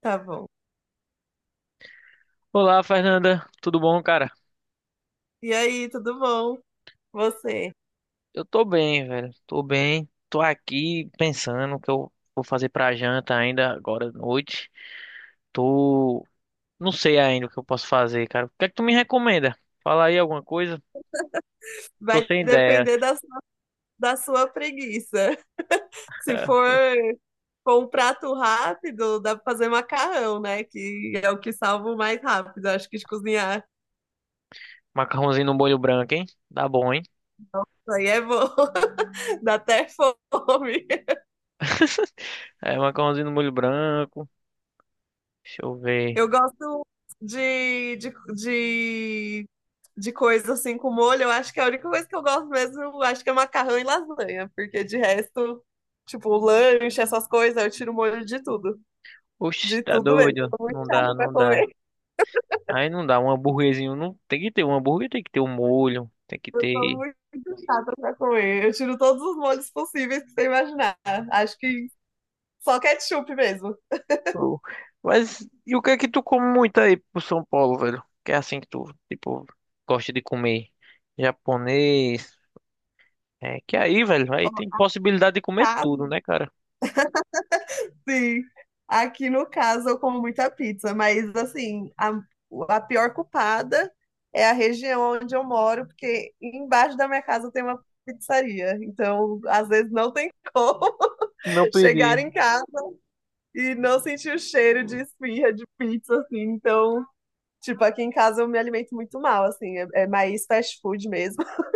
Tá bom. Olá, Fernanda. Tudo bom, cara? E aí, tudo bom? Você? Eu tô bem, velho. Tô bem. Tô aqui pensando o que eu vou fazer pra janta ainda agora à noite. Tô. Não sei ainda o que eu posso fazer, cara. O que é que tu me recomenda? Fala aí alguma coisa. Tô Vai sem ideia. depender da sua preguiça. Se for com um prato rápido, dá pra fazer macarrão, né? Que é o que salvo mais rápido. Acho que de cozinhar. Macarrãozinho no molho branco, hein? Dá bom, hein? Isso aí é bom. Dá até fome. É, macarrãozinho no molho branco. Deixa eu ver. Eu gosto de, de, de, de coisa assim com molho. Eu acho que a única coisa que eu gosto mesmo, eu acho que é macarrão e lasanha. Porque de resto, tipo, lanche, essas coisas, eu tiro molho de tudo. Oxe, De tá tudo mesmo. doido? Eu tô muito Não dá, chata pra não dá. comer. Aí não dá. Um hambúrguerzinho. Não, tem que ter um hambúrguer, tem que ter um molho. Tem que Eu tô ter. muito chata pra comer. Eu tiro todos os molhos possíveis que você imaginar. Acho que só ketchup mesmo. Pô. Mas e o que é que tu come muito aí pro São Paulo, velho? Que é assim que tu, tipo, gosta de comer japonês. É que aí, velho, aí Ó, tem possibilidade de comer tudo, caso, né, cara? sim. Aqui no caso eu como muita pizza, mas assim, a pior culpada é a região onde eu moro, porque embaixo da minha casa tem uma pizzaria. Então, às vezes não tem como Não chegar pedi. em casa e não sentir o cheiro de esfirra, de pizza, assim. Então, tipo, aqui em casa eu me alimento muito mal, assim, é mais fast food mesmo.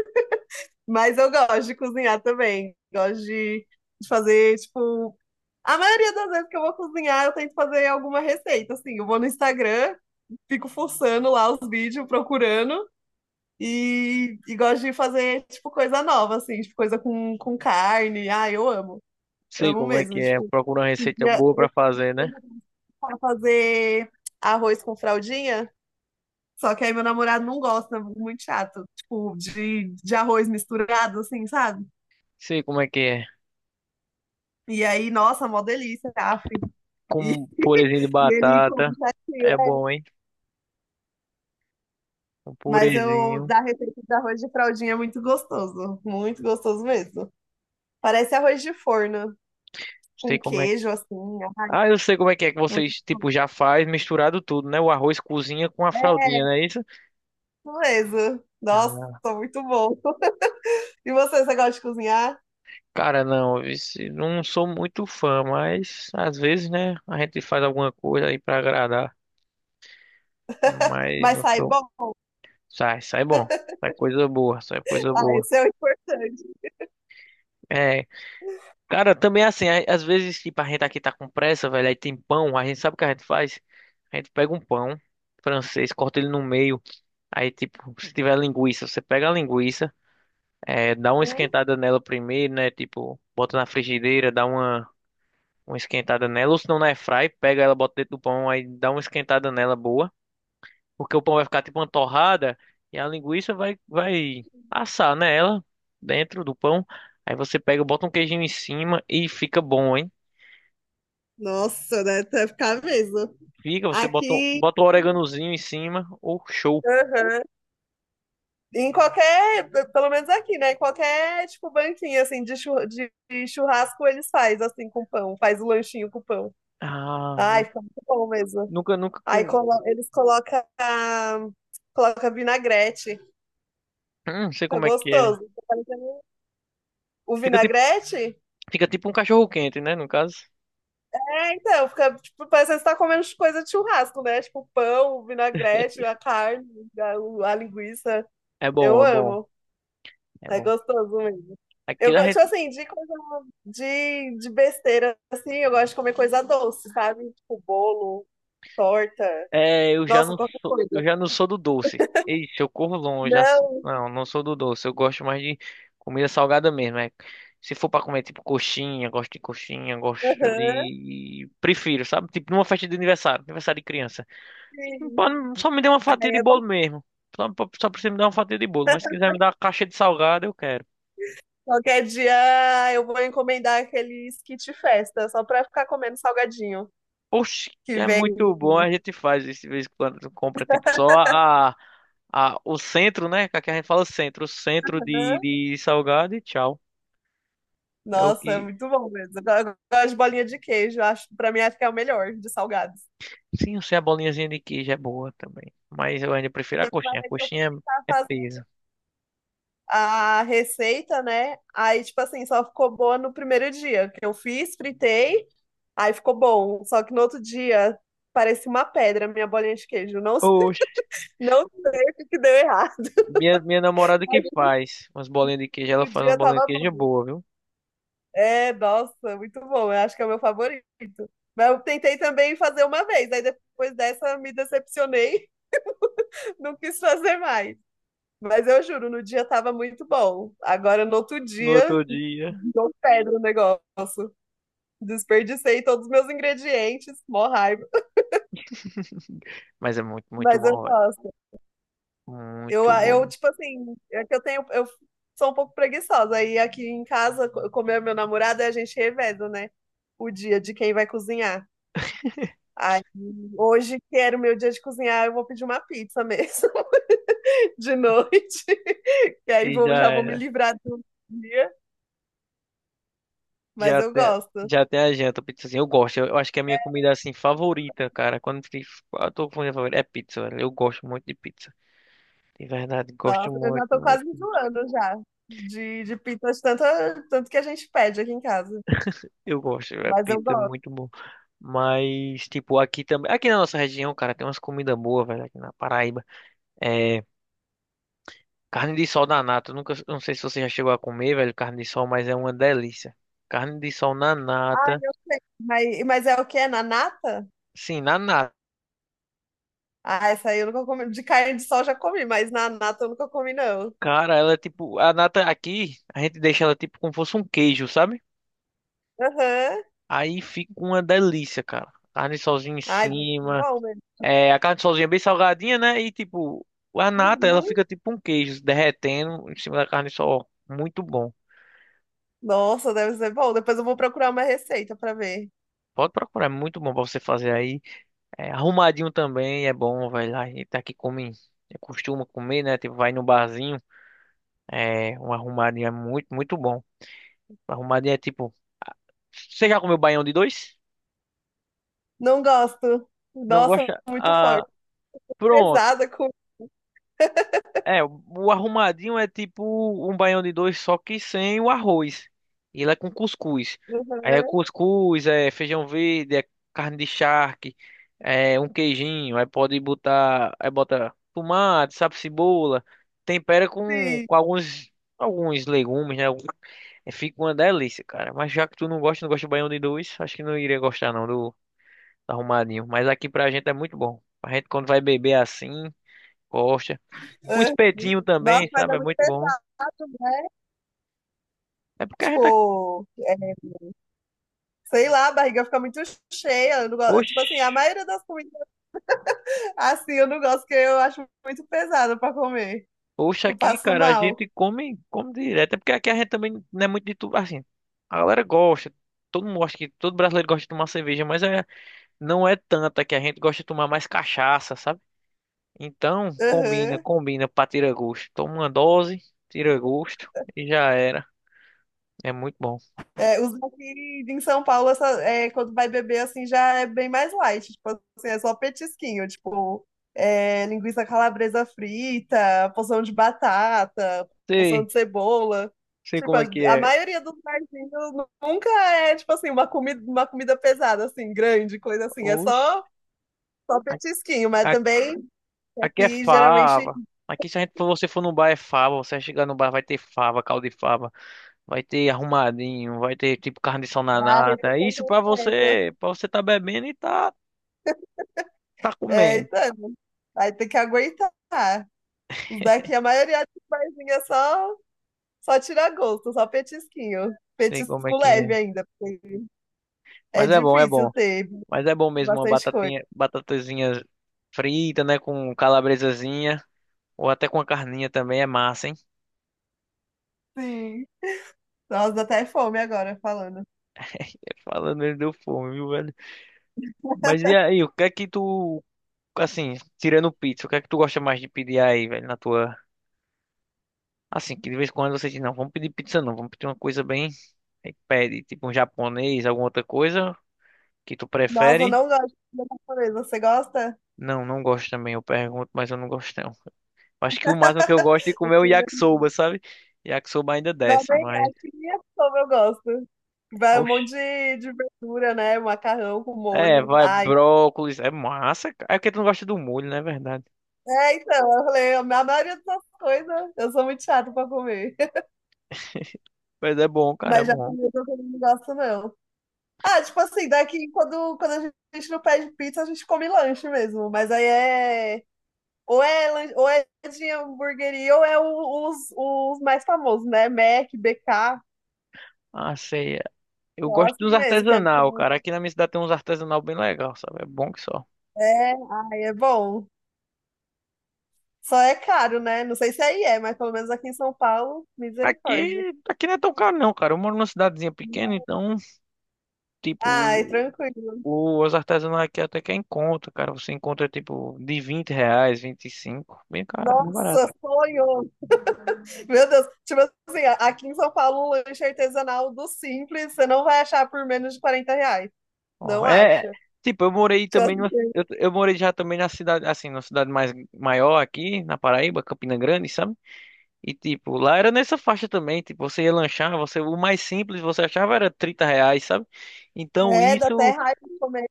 Mas eu gosto de cozinhar também. Gosto de fazer, tipo, a maioria das vezes que eu vou cozinhar, eu tento fazer alguma receita, assim. Eu vou no Instagram, fico forçando lá os vídeos, procurando. E gosto de fazer, tipo, coisa nova, assim, tipo, coisa com carne. Ah, eu amo. Sei Amo como é mesmo. que é. Tipo, Procura uma um receita dia boa eu pra fazer, né? tentei fazer arroz com fraldinha. Só que aí meu namorado não gosta, muito chato. Tipo, de arroz misturado, assim, sabe? Sei como é que é. E aí, nossa, mó delícia, af. E, Com purezinho de e ele come batata. chatinho, É bom, é. hein? Um Mas eu, purezinho. da receita de arroz de fraldinha é muito gostoso. Muito gostoso mesmo. Parece arroz de forno, Sei com como é que... queijo, assim. Ai, Ah, eu sei como é que muito vocês, tipo, já faz misturado tudo, né? O arroz cozinha com a fraldinha, não é isso? beleza. Nossa, muito bom. E você, você gosta de cozinhar? Cara, não, não sou muito fã, mas às vezes, né, a gente faz alguma coisa aí pra agradar, mas Mas não sai sou. bom? Sai, sai bom, sai coisa boa, sai coisa Ah, boa. isso é o importante. É, cara, também é assim, às vezes, tipo, a gente aqui tá com pressa, velho, aí tem pão, a gente sabe o que a gente faz? A gente pega um pão francês, corta ele no meio, aí, tipo, se tiver linguiça, você pega a linguiça, é, dá uma Hum. esquentada nela primeiro, né, tipo, bota na frigideira, dá uma esquentada nela, ou se não na airfry, pega ela, bota dentro do pão, aí dá uma esquentada nela boa, porque o pão vai ficar tipo uma torrada e a linguiça vai assar nela dentro do pão. Aí você pega, bota um queijinho em cima e fica bom, hein? Nossa, né? Deve até ficar mesmo. Fica, você Aqui bota um oreganozinho em cima, ou show. aham. Em qualquer, pelo menos aqui, né? Em qualquer, tipo, banquinha, assim, de churrasco, eles faz, assim, com pão. Faz o lanchinho com pão. Ah, Ai, fica muito bom mesmo. nunca com, Eles colocam coloca vinagrete. Não sei Fica como é que é. gostoso. Fica parecendo- o Fica tipo, vinagrete? fica tipo um cachorro quente, né, no caso. É, então, fica, tipo, parece que você tá comendo coisa de churrasco, né? Tipo, pão, o vinagrete, a carne, a linguiça. É bom, Eu é bom, amo. é É bom. gostoso mesmo. Eu Aqui a gosto, tipo gente... assim, de coisa de besteira, assim, eu gosto de comer coisa doce, sabe? Tipo bolo, torta, É, eu já nossa, não qualquer sou, eu coisa. já não sou do doce. Ixi, eu corro longe. Não, Não, não sou do doce. Eu gosto mais de comida salgada mesmo. É. Se for pra comer, tipo, coxinha, gosto aham, de... prefiro, sabe? Tipo, numa festa de aniversário, aniversário de criança. Não sim. Pode- Só me dê uma fatia Aí de é bom. bolo mesmo. Só, só precisa me dar uma fatia de bolo. Mas se quiser me dar uma caixa de salgado, eu quero. Qualquer dia eu vou encomendar aquele kit festa, só pra ficar comendo salgadinho Oxe, que é vem. muito bom. A gente faz isso de vez em quando. Tu Compra tipo só a, o centro, né? Que aqui a gente fala centro. O centro Aham. de salgado e tchau. É o Nossa, que. é muito bom mesmo. Eu gosto de bolinha de queijo, acho, pra mim acho que é o melhor de salgados. Sim, eu sei a bolinhazinha de queijo é boa também. Mas eu ainda prefiro a Teve uma coxinha. A vez que eu fui coxinha tentar é, é fazer peso. a receita, né? Aí, tipo assim, só ficou boa no primeiro dia que eu fiz, fritei, aí ficou bom. Só que no outro dia parecia uma pedra a minha bolinha de queijo. Oxe, Não sei o que deu errado. minha namorada que faz umas bolinhas de queijo. Ela No faz umas dia bolinhas de tava queijo bom. boa, viu? É, nossa, muito bom. Eu acho que é o meu favorito. Mas eu tentei também fazer uma vez, aí depois dessa me decepcionei, não quis fazer mais. Mas eu juro, no dia tava muito bom. Agora no outro No dia, outro dia. deu pedra o negócio. Desperdicei todos os meus ingredientes, mó raiva, Mas é muito, muito mas eu bom, velho. gosto. Eu, Muito bom eu mesmo. tipo assim, é que eu tenho, eu sou um pouco preguiçosa. Aí aqui em casa, como é meu namorado, a gente reveza, né? O dia de quem vai cozinhar. Aí, hoje, que era o meu dia de cozinhar, eu vou pedir uma pizza mesmo, de noite. Que aí E vou, já já vou me é. livrar do dia, mas Já eu tem, gosto. já tem a janta, pizzazinha. Eu gosto. Eu acho que é a minha comida assim favorita, cara. Eu tô com a minha favorita, é pizza, velho. Eu gosto muito de pizza. De verdade, gosto Nossa, eu já muito, tô muito. quase enjoando já de pizza, de tanto, tanto que a gente pede aqui em casa. Eu gosto, é Mas eu pizza é gosto. muito bom. Mas, tipo, aqui também. Aqui na nossa região, cara, tem umas comidas boas, velho, aqui na Paraíba. É. Carne de sol na nata. Eu Nunca, eu não sei se você já chegou a comer, velho, carne de sol, mas é uma delícia. Carne de sol na Ah, nata. eu sei. Mas é o que? É na nata? Sim, na nata. Ah, essa aí eu nunca comi. De carne de sol eu já comi, mas na nata eu nunca comi, não. Cara, ela é tipo. A nata aqui, a gente deixa ela tipo como fosse um queijo, sabe? Aham. Aí fica uma delícia, cara. Carne sozinha em Ai, deve ser cima. bom mesmo. É, a carne sozinha é bem salgadinha, né? E tipo, a nata, ela Uhum. fica tipo um queijo derretendo em cima da carne sol. Muito bom. Nossa, deve ser bom. Depois eu vou procurar uma receita pra ver. Pode procurar, é muito bom pra você fazer aí. É, arrumadinho também é bom, vai lá. A gente tá aqui come, é, costuma comer, né? Tipo, vai no barzinho. É, um arrumadinho é muito, muito bom. Arrumadinho é tipo. Você já comeu baião de dois? Não gosto. Não Nossa, gosta? muito Ah, forte. pronto. Pesada com. É, o arrumadinho é tipo um baião de dois, só que sem o arroz. E ele é com cuscuz. Aí é Uhum. cuscuz, é feijão verde, é carne de charque, é um queijinho. Aí pode botar, aí bota tomate, sabe, cebola. Tempera Sim. com alguns, alguns legumes, né? É, fica uma delícia, cara. Mas já que tu não gosta, não gosta de baião de dois, acho que não iria gostar não do, do arrumadinho. Mas aqui pra gente é muito bom. A gente quando vai beber assim, gosta. Um Ah, espetinho nossa, também, mas sabe? é É muito muito bom. pesado, né? É porque a gente. Tá- Tipo, é, sei lá, a barriga fica muito cheia. Eu não gosto- Tipo assim, a Oxe, maioria das comidas assim eu não gosto, porque eu acho muito pesado pra comer. oxe, Eu aqui, passo cara, a mal. gente come, come direto. É porque aqui a gente também não é muito de tudo. Assim, a galera gosta. Todo mundo acha que todo brasileiro gosta de tomar cerveja, mas é, não é tanta que a gente gosta de tomar mais cachaça, sabe? Então, combina, Aham. combina pra tirar gosto. Toma uma dose, tira gosto e já era. É muito bom. É, os daqui em São Paulo, essa, é, quando vai beber, assim, já é bem mais light. Tipo assim, é só petisquinho. Tipo, é, linguiça calabresa frita, porção de batata, porção Sei, de cebola. sei Tipo, como é que a é. maioria dos barzinhos nunca é, tipo assim, uma comida pesada, assim, grande, coisa assim. É Oxe, só, só petisquinho, mas a- também Aqui é aqui geralmente fava. Aqui se a gente, for- você for no bar é fava. Você chegar no bar vai ter fava, caldo de fava, vai ter arrumadinho, vai ter tipo carne de sol na a nata. refeição completa. Para você tá bebendo e tá É, comendo. então, aí tem que aguentar. Os daqui, a maioria dos barzinhos é só, só tira gosto, só petisquinho. Sei como é Petisco que é. leve ainda, porque é Mas é bom, é bom. difícil ter Mas é bom mesmo uma bastante coisa. batatinha, batatazinha frita, né, com calabresazinha ou até com a carninha também é massa, hein? Sim. Nossa, dá até fome agora falando. Falando, ele deu fome, viu, velho? Mas e aí, o que é que tu assim, tirando pizza, o que é que tu gosta mais de pedir aí, velho, na tua... Assim, que de vez em quando você diz, não, vamos pedir pizza não, vamos pedir uma coisa bem. Aí pede, tipo um japonês, alguma outra coisa que tu Nossa, eu prefere. não gosto de comida japonesa. Você gosta? Não, não gosto também, eu pergunto, mas eu não gosto não. Acho que o máximo que eu gosto de comer é o yakisoba, sabe? Yakisoba ainda Não, desce, nem, mas. acho que nem é como eu gosto. Vai um Oxi. monte de verdura, né? Macarrão com É, molho. vai, Ai. brócolis, é massa, cara. É porque tu não gosta do molho, não é verdade? É, então, eu falei, a maioria dessas coisas eu sou muito chata pra comer. Mas é bom, cara, é Mas bom. japonesa eu também não gosto, não. Ah, tipo assim, daqui quando, quando a gente não pede pizza, a gente come lanche mesmo. Mas aí é. Ou é, ou é de hamburgueria, ou é os mais famosos, né? Mac, BK, Ah, sei. É, eu só gosto dos assim mesmo, que é, artesanal, cara. Aqui na minha cidade tem uns artesanal bem legal, sabe? É bom que só. é, ai, é bom. Só é caro, né? Não sei se aí é, mas pelo menos aqui em São Paulo, misericórdia. Aqui, aqui não é tão caro não, cara. Eu moro numa cidadezinha pequena, então... Ai, tipo, tranquilo. Os artesanais aqui até que encontra, cara. Você encontra, tipo, de R$ 20, 25, bem caro, bem barato. Nossa, sonho! Meu Deus, tipo assim, aqui em São Paulo, um lanche artesanal do Simples, você não vai achar por menos de R$ 40. Ó, Não é, acha? tipo, Já sei. Eu morei já também na cidade, assim, na cidade mais maior aqui, na Paraíba, Campina Grande, sabe? E, tipo, lá era nessa faixa também. Tipo, você ia lanchar, você, o mais simples você achava era R$ 30, sabe? Então, É, dá até isso, raiva de comer.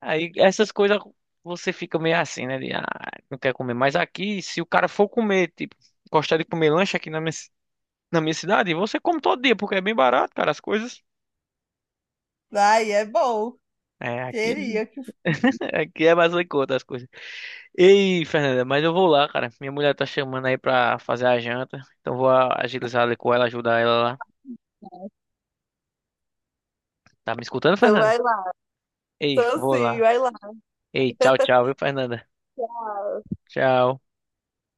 aí, essas coisas, você fica meio assim, né? De, ah, não quer comer. Mas aqui, se o cara for comer, tipo, gostar de comer lanche aqui na minha cidade, você come todo dia, porque é bem barato, cara, as coisas. Ai, é bom. É, aqui, Queria. Que- aqui é mais em conta as coisas. Ei, Fernanda, mas eu vou lá, cara. Minha mulher tá chamando aí pra fazer a janta. Então agilizar ali com ela, ajudar ela lá. Tá me escutando, Então Fernanda? vai lá. Ei, Então vou sim, lá. vai lá. Ei, tchau, tchau, viu, Fernanda? Tchau. Tchau.